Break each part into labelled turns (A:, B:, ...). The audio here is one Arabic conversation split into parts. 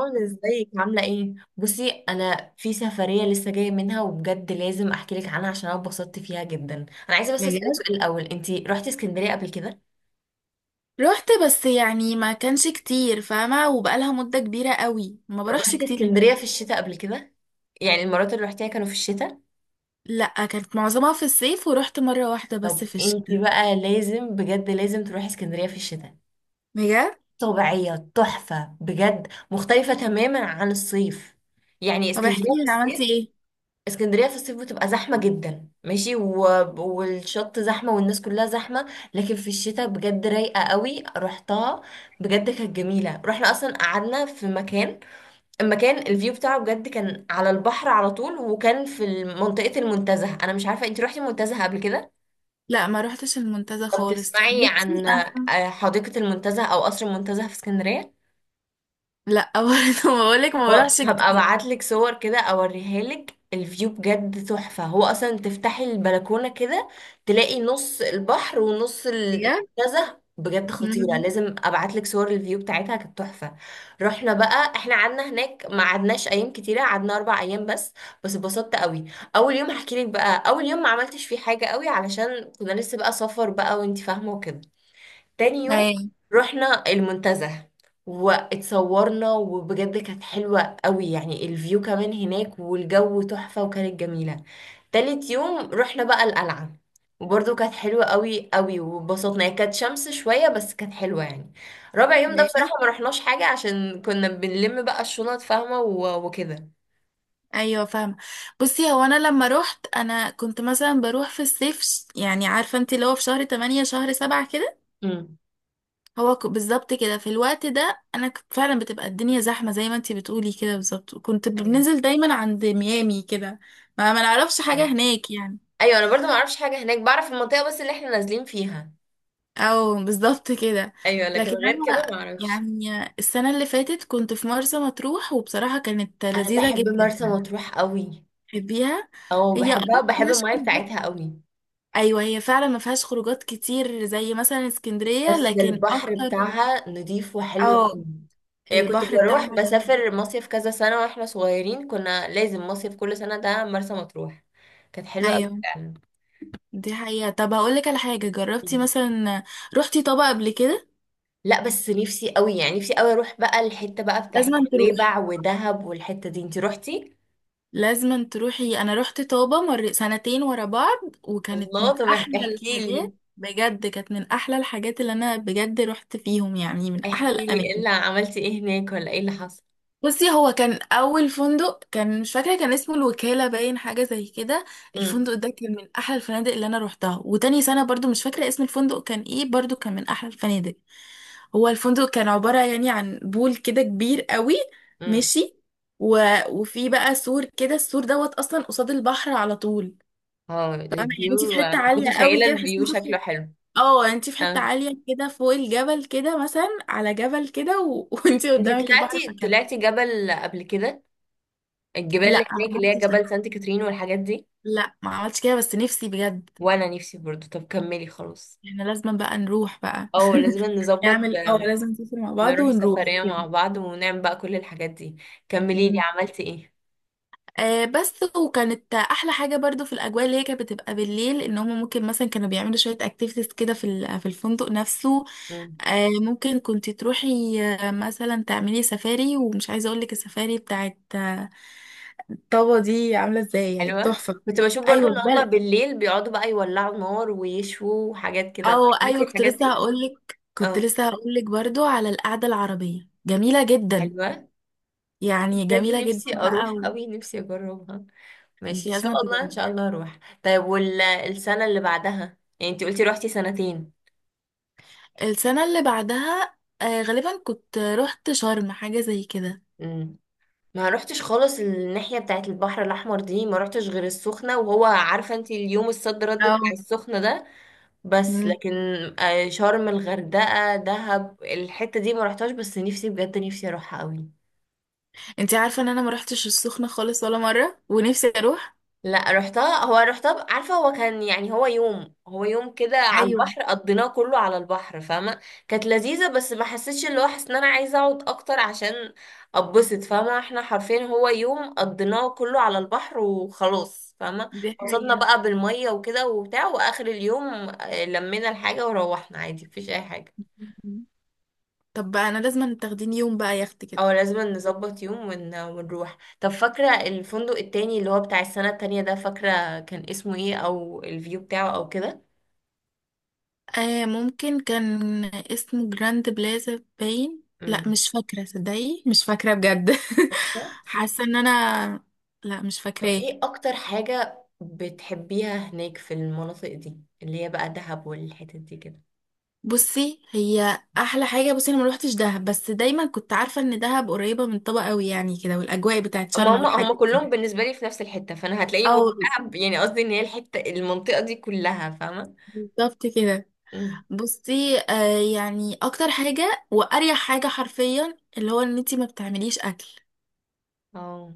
A: رنا، ازيك عاملة ايه؟ بصي، انا في سفرية لسه جاية منها، وبجد لازم احكي لك عنها عشان انا اتبسطت فيها جدا. انا عايزة بس اسألك
B: بجد.
A: سؤال الاول، انتي رحتي اسكندرية قبل كده؟
B: رحت بس يعني ما كانش كتير فاهمة، وبقالها مدة كبيرة قوي ما
A: طب
B: بروحش
A: رحتي
B: كتير
A: اسكندرية
B: هناك.
A: في الشتاء قبل كده؟ يعني المرات اللي رحتيها كانوا في الشتاء؟
B: لا، كانت معظمها في الصيف ورحت مرة واحدة بس
A: طب
B: في
A: انتي
B: الشتاء.
A: بقى لازم، بجد لازم تروحي اسكندرية في الشتاء.
B: بجد.
A: طبيعية، تحفة، بجد مختلفة تماما عن الصيف. يعني
B: طب احكي
A: اسكندرية في
B: لي عملتي
A: الصيف.
B: ايه.
A: اسكندرية في الصيف بتبقى زحمة جدا، ماشي، والشط زحمة والناس كلها زحمة. لكن في الشتاء بجد رايقة قوي، رحتها، بجد كانت جميلة. رحنا أصلا قعدنا في مكان، المكان الفيو بتاعه بجد كان على البحر على طول، وكان في منطقة المنتزه. أنا مش عارفة انتي روحتي المنتزه قبل كده،
B: لا، ما روحتش المنتزه
A: أو
B: خالص.
A: تسمعي
B: بصي
A: عن
B: انا،
A: حديقة المنتزه أو قصر المنتزه في اسكندرية.
B: لا برضه بقولك ما
A: هو
B: بروحش
A: هبقى
B: كتير.
A: ابعت لك صور كده اوريها لك، الفيو بجد تحفة. هو اصلا تفتحي البلكونة كده تلاقي نص البحر ونص
B: بجد.
A: المنتزه، بجد خطيرة.
B: مم.
A: لازم ابعت لك صور الفيو بتاعتها، كانت تحفة. رحنا بقى، احنا قعدنا هناك ما قعدناش ايام كتيرة، قعدنا 4 ايام بس. بس اتبسطت قوي. اول يوم هحكي لك بقى، اول يوم ما عملتش فيه حاجة قوي علشان كنا لسه بقى سفر بقى، وانت فاهمة وكده. تاني يوم
B: ايوه.
A: رحنا المنتزه، واتصورنا وبجد كانت حلوة قوي، يعني الفيو كمان هناك والجو تحفة وكانت جميلة. تالت يوم رحنا بقى القلعة، وبرضه كانت حلوة قوي قوي، وبسطنا. هي كانت شمس شوية بس كانت حلوة يعني. رابع يوم ده
B: بجد؟
A: بصراحة ما رحناش حاجة عشان كنا بنلم بقى الشنط، فاهمة، وكده.
B: ايوه فاهمه. بصي هو انا لما روحت انا كنت مثلا بروح في الصيف، يعني عارفه انت اللي هو في شهر 8 شهر 7 كده.
A: امم.
B: بالظبط كده في الوقت ده انا كنت فعلا بتبقى الدنيا زحمه، زي ما انتي بتقولي كده بالظبط. كنت
A: ايوه.
B: بننزل دايما عند ميامي كده. ما نعرفش حاجه هناك يعني.
A: ايوه، انا برضه ما اعرفش حاجة هناك، بعرف المنطقة بس اللي احنا نازلين فيها.
B: او بالظبط كده.
A: ايوه، لكن
B: لكن
A: غير كده ما
B: انا
A: اعرفش.
B: يعني السنه اللي فاتت كنت في مرسى مطروح وبصراحه كانت
A: انا
B: لذيذه
A: بحب
B: جدا.
A: مرسى مطروح قوي.
B: تحبيها؟
A: او،
B: هي
A: بحبها وبحب
B: مفيهاش
A: المايه
B: خروجات.
A: بتاعتها قوي.
B: ايوه هي فعلا ما فيهاش خروجات كتير زي مثلا اسكندريه،
A: بس
B: لكن
A: البحر
B: اكتر.
A: بتاعها نضيف وحلو
B: اه.
A: قوي. يعني كنت
B: البحر
A: بروح
B: بتاعها جميل.
A: بسافر مصيف كذا سنة واحنا صغيرين، كنا لازم مصيف كل سنة، ده مرسى مطروح. كانت حلوة قوي
B: ايوه.
A: فعلا.
B: دي حقيقة. طب هقول لك على حاجة، جربتي
A: مم.
B: مثلا رحتي طابة قبل كده؟
A: لا، بس نفسي قوي، يعني نفسي قوي اروح بقى الحتة بقى بتاعت
B: لازم تروح
A: نويبع ودهب، والحتة دي انتي روحتي؟
B: لازم تروحي. انا رحت طابة مر سنتين ورا بعض، وكانت من
A: الله، طب
B: احلى
A: احكي لي،
B: الحاجات. بجد كانت من احلى الحاجات اللي انا بجد رحت فيهم، يعني من احلى
A: احكي لي ايه
B: الاماكن.
A: اللي عملتي، ايه هناك، ولا ايه اللي حصل.
B: بصي هو كان اول فندق، كان مش فاكرة، كان اسمه الوكالة باين حاجة زي كده. الفندق ده كان من احلى الفنادق اللي انا روحتها. وتاني سنة برضو مش فاكرة اسم الفندق كان ايه، برضو كان من احلى الفنادق. هو الفندق كان عبارة يعني عن بول كده كبير قوي.
A: امم.
B: ماشي. و... وفي بقى سور كده، السور دوت اصلا قصاد البحر على طول.
A: اه،
B: فاهمة يعني انت
A: الفيو.
B: في حتة عالية قوي
A: متخيلة
B: كده، تحسي
A: الفيو
B: انت
A: شكله
B: في،
A: حلو.
B: اه يعني انت في حتة
A: اه،
B: عالية كده فوق الجبل كده، مثلا على جبل كده وانت
A: انت
B: قدامك البحر
A: طلعتي
B: فكان.
A: طلعتي جبل قبل كده، الجبال اللي
B: لا
A: هناك
B: ما
A: اللي هي
B: عملتش ده.
A: جبل سانت كاترين والحاجات دي؟
B: لا ما عملتش كده، بس نفسي بجد.
A: وانا نفسي برضو. طب كملي خلاص.
B: احنا لازم بقى نروح بقى.
A: اه لازم نظبط
B: نعمل، اه لازم نسافر مع بعض
A: نروح
B: ونروح
A: سفرية مع بعض ونعمل بقى كل الحاجات دي. كملي لي
B: كده.
A: عملتي ايه.
B: آه بس، وكانت احلى حاجه برضو في الاجواء اللي هي كانت بتبقى بالليل، ان هم ممكن مثلا كانوا بيعملوا شويه اكتيفيتيز كده في الفندق نفسه.
A: مم.
B: آه ممكن كنت تروحي، مثلا تعملي سفاري. ومش عايزه اقول لك السفاري بتاعت طابا دي عامله ازاي، يعني
A: حلوة.
B: تحفه.
A: كنت بشوف برضو
B: ايوه
A: ان هما
B: بل
A: بالليل بيقعدوا بقى يولعوا نار ويشووا وحاجات كده،
B: او
A: عملتي
B: ايوه، كنت
A: الحاجات
B: لسه
A: دي؟
B: هقول لك،
A: اه.
B: برضو على القعده العربيه جميله جدا.
A: حلوة.
B: يعني
A: بجد
B: جميله جدا
A: نفسي
B: بقى
A: اروح قوي، نفسي اجربها.
B: انت
A: ماشي، ان شاء
B: لازم
A: الله ان شاء
B: تجربيها.
A: الله اروح. طيب والسنه اللي بعدها، يعني انت قلتي روحتي سنتين.
B: السنة اللي بعدها غالبا كنت رحت شرم حاجة زي كده.
A: امم. ما روحتش خالص الناحيه بتاعت البحر الاحمر دي، ما روحتش غير السخنه، وهو عارفه انت اليوم الصد رد
B: اه.
A: بتاع السخنه ده. بس
B: مم.
A: لكن شرم، الغردقه، دهب، الحته دي ما روحتهاش، بس نفسي بجد نفسي اروحها قوي.
B: انتي عارفة ان انا ما رحتش السخنة خالص ولا مرة، ونفسي اروح.
A: لا، رحتها. هو رحتها عارفة، هو كان يعني، هو يوم كده على
B: ايوه
A: البحر قضيناه كله على البحر، فاهمة. كانت لذيذة، بس ما حسيتش اللي هو حاسة ان انا عايزة اقعد اكتر عشان اتبسط، فاهمة؟ احنا حرفيا هو يوم قضيناه كله على البحر وخلاص، فاهمة.
B: دي
A: انبسطنا
B: حقيقة.
A: بقى بالمية وكده وبتاع، واخر اليوم لمينا الحاجة وروحنا عادي، مفيش اي حاجة.
B: مم. طب بقى انا لازم تاخديني يوم بقى يخت كده.
A: او لازم نظبط يوم ونروح. طب فاكرة الفندق التاني اللي هو بتاع السنة التانية ده، فاكرة كان اسمه ايه او الفيو بتاعه او كده؟
B: آه ممكن كان اسمه جراند بلازا باين، لا
A: مم.
B: مش فاكرة، صدقي مش فاكرة بجد
A: فاكرة؟
B: حاسة ان انا لا مش
A: طب
B: فاكراه.
A: ايه اكتر حاجة بتحبيها هناك في المناطق دي، اللي هي بقى دهب والحتت دي كده؟
B: بصي هي احلى حاجه بصي انا ما روحتش دهب، بس دايما كنت عارفه ان دهب قريبه من طبق قوي يعني كده، والاجواء بتاعت
A: ما
B: شرم
A: هم
B: والحاجات
A: كلهم
B: دي.
A: بالنسبة لي في نفس الحتة، فانا هتلاقيني بقول
B: او
A: دهب، يعني قصدي ان هي الحتة، المنطقة دي كلها، فاهمة.
B: بالظبط كده.
A: مم.
B: بصي، يعني اكتر حاجه واريح حاجه حرفيا اللي هو ان انتي ما بتعمليش اكل.
A: اه.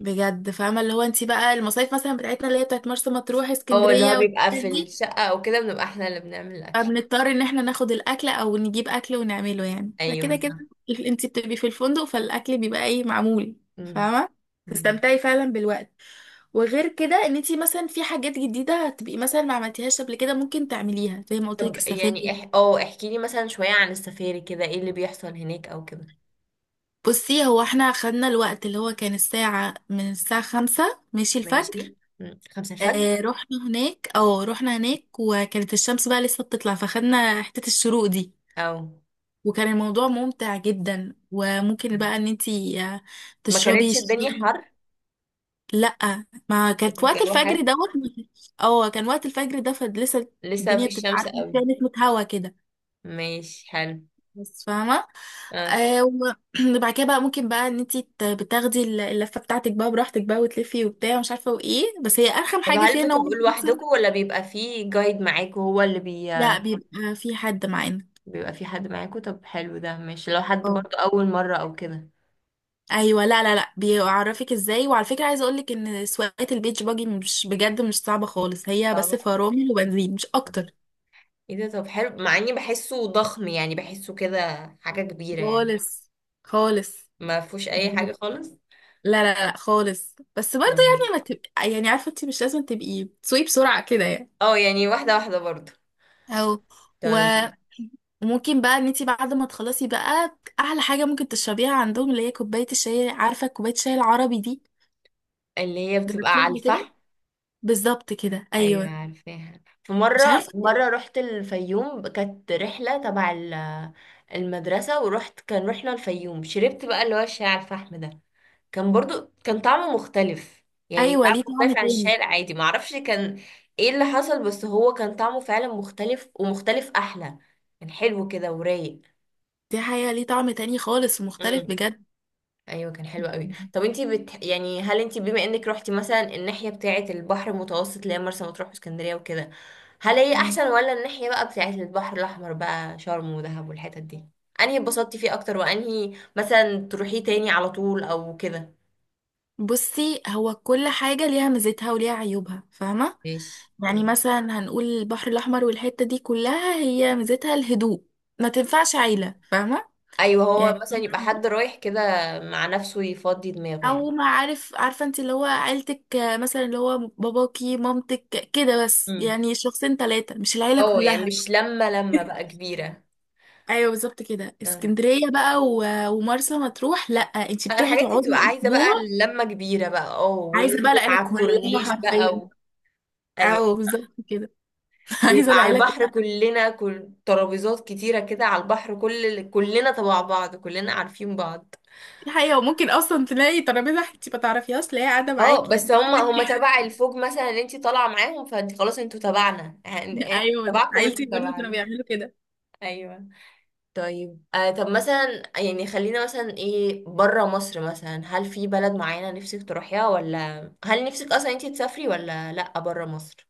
B: بجد فاهمه، اللي هو انتي بقى المصايف مثلا بتاعتنا اللي هي بتاعت مرسى مطروح،
A: اه، اللي هو
B: اسكندريه،
A: بيبقى
B: والحاجات
A: في
B: دي،
A: الشقة او كده بنبقى احنا اللي بنعمل الاكل.
B: فبنضطر ان احنا ناخد الاكل او نجيب اكل ونعمله يعني،
A: ايوه
B: فكده كده
A: صح.
B: انت بتبقي في الفندق فالاكل بيبقى ايه، معمول.
A: مم.
B: فاهمه،
A: مم.
B: تستمتعي فعلا بالوقت. وغير كده ان انت مثلا في حاجات جديده هتبقي مثلا ما عملتيهاش قبل كده، ممكن تعمليها زي ما قلت لك،
A: طب يعني
B: السفاري.
A: اح... اه احكي لي مثلا شوية عن السفاري كده، ايه اللي بيحصل هناك او كده؟
B: بصي هو احنا خدنا الوقت اللي هو كان الساعة، من الساعة خمسة ماشي،
A: ماشي.
B: الفجر.
A: مم. 5 الفجر.
B: اه رحنا هناك، وكانت الشمس بقى لسه بتطلع، فخدنا حتة الشروق دي.
A: او،
B: وكان الموضوع ممتع جدا. وممكن بقى ان انتي
A: ما
B: تشربي
A: كانتش
B: الشاي.
A: الدنيا حر؟
B: لا ما كانت، وقت
A: الجو
B: الفجر
A: حلو.
B: دوت. اه كان وقت الفجر ده فلسه
A: لسه في
B: الدنيا بتبقى
A: الشمس
B: عارفه إن
A: قوي.
B: فيها نسمه هوا كده،
A: ماشي، حلو.
B: بس فاهمه.
A: اه،
B: آه و- وبعد كده بقى، ممكن بقى ان انتي بتاخدي اللفه بتاعتك بقى براحتك بقى، وتلفي وبتاع ومش عارفه وايه، بس هي ارخم
A: طب
B: حاجه
A: هل
B: فيها ان هو
A: بتبقوا
B: مثلا،
A: لوحدكم ولا بيبقى فيه جايد معاكوا هو اللي
B: لا بيبقى في حد معانا.
A: بيبقى فيه حد معاكوا. طب حلو ده، ماشي لو حد
B: اه.
A: برضه أول مرة أو كده.
B: ايوه. لا، بيعرفك ازاي. وعلى فكره، عايزه اقولك ان سواقه البيتش باجي مش، بجد مش صعبه خالص، هي بس
A: طبعا.
B: فرامل وبنزين مش اكتر.
A: ايه ده، طب حلو، مع اني بحسه ضخم، يعني بحسه كده، حاجة كبيرة يعني.
B: خالص خالص.
A: ما فيهوش اي
B: بجد.
A: حاجة خالص.
B: لا لا لا خالص، بس برضه
A: مم.
B: يعني ما تبقى، يعني عارفه انت مش لازم تبقي تسوقي بسرعه كده يعني.
A: اه يعني واحدة واحدة برضه.
B: او
A: طيب.
B: وممكن بقى ان انت بعد ما تخلصي بقى، احلى حاجه ممكن تشربيها عندهم اللي هي كوبايه الشاي، عارفه كوبايه الشاي العربي دي،
A: اللي هي بتبقى
B: جربتيها
A: على
B: قبل كده؟
A: الفحم.
B: بالظبط كده،
A: ايوه
B: ايوه.
A: عارفاها، في
B: مش عارفه.
A: مره رحت الفيوم، كانت رحله تبع المدرسه، كان رحنا الفيوم، شربت بقى اللي هو الشاي على الفحم ده. كان برضو كان طعمه مختلف، يعني
B: ايوه،
A: طعمه
B: ليه طعم
A: مختلف عن
B: تاني.
A: الشاي العادي، معرفش كان ايه اللي حصل، بس هو كان طعمه فعلا مختلف، ومختلف احلى، كان حلو كده ورايق.
B: دي حقيقة، ليه طعم تاني خالص ومختلف بجد.
A: ايوه كان حلو قوي. طب انتي يعني هل انتي، بما انك روحتي مثلا الناحيه بتاعه البحر المتوسط اللي هي مرسى مطروح واسكندريه وكده، هل هي
B: تمام.
A: احسن ولا الناحيه بقى بتاعه البحر الاحمر بقى شرم ودهب والحتت دي، انهي اتبسطتي فيه اكتر وانهي مثلا تروحيه تاني على طول او كده؟
B: بصي هو كل حاجة ليها ميزتها وليها عيوبها، فاهمة.
A: ماشي.
B: يعني
A: مم.
B: مثلا هنقول البحر الأحمر والحتة دي كلها، هي ميزتها الهدوء، ما تنفعش عيلة، فاهمة.
A: ايوه هو
B: يعني
A: مثلا يبقى حد
B: انتي-
A: رايح كده مع نفسه يفضي دماغه
B: أو
A: يعني.
B: ما عارف، عارفة انت اللي هو عيلتك مثلا اللي هو باباكي مامتك كده، بس
A: امم.
B: يعني شخصين تلاتة، مش العيلة
A: اه يعني
B: كلها.
A: مش لما بقى كبيره
B: أيوه بالظبط كده. اسكندرية بقى ومرسى مطروح لأ، انت بتروحي
A: الحاجات دي
B: تقعدي
A: بتبقى عايزة بقى
B: أسبوع،
A: لمة كبيرة بقى، اه،
B: عايزه بقى
A: وننزل
B: العيله
A: على
B: كلها
A: الكورنيش بقى
B: حرفيا.
A: ايوه،
B: او بالظبط كده عايزه
A: ويبقى على
B: العيله
A: البحر
B: كلها.
A: كلنا، كل ترابيزات كتيرة كده على البحر، كلنا تبع بعض، كلنا عارفين بعض.
B: دي حقيقه، وممكن اصلا تلاقي ترابيزه انت ما تعرفيهاش تلاقيها قاعده
A: اه
B: معاك
A: بس
B: يعني.
A: هما تبع الفوج مثلا اللي انتي طالعة معاهم، فانت خلاص انتوا تبعنا يعني، احنا
B: ايوه ده.
A: تبعكم وانتوا
B: عيلتي برضه كانوا
A: تبعنا.
B: بيعملوا كده.
A: ايوه. طيب طب مثلا، يعني خلينا مثلا، ايه بره مصر مثلا، هل في بلد معينة نفسك تروحيها، ولا هل نفسك اصلا انتي تسافري ولا لا بره مصر؟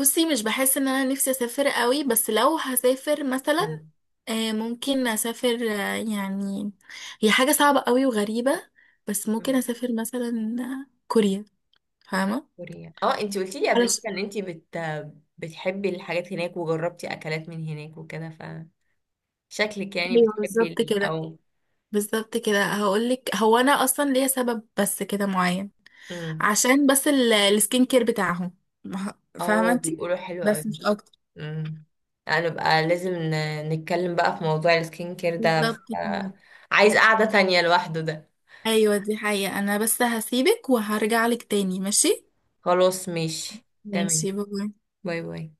B: بصي مش بحس ان انا نفسي اسافر قوي، بس لو هسافر مثلا ممكن اسافر، يعني هي حاجه صعبه قوي وغريبه، بس ممكن اسافر مثلا كوريا. فاهمه.
A: كوريا، اه، انتي قلتي لي قبل كده
B: علشان
A: ان انتي بتحبي الحاجات هناك، وجربتي اكلات من هناك وكده، فشكلك يعني
B: ايوه
A: بتحبي
B: بالظبط كده.
A: او.
B: بالظبط كده هقولك، هو انا اصلا ليا سبب بس كده معين.
A: امم.
B: عشان بس السكين كير بتاعهم، فاهمة
A: اه،
B: انت.
A: بيقولوا حلو قوي.
B: بس مش اكتر.
A: امم. انا بقى لازم نتكلم بقى في موضوع السكين كير ده
B: بالظبط كده.
A: عايز قعدة تانية لوحده ده.
B: ايوه دي حقيقة. انا بس هسيبك وهرجع لك تاني، ماشي.
A: خلاص ماشي. تمام.
B: ماشي باي.
A: باي باي.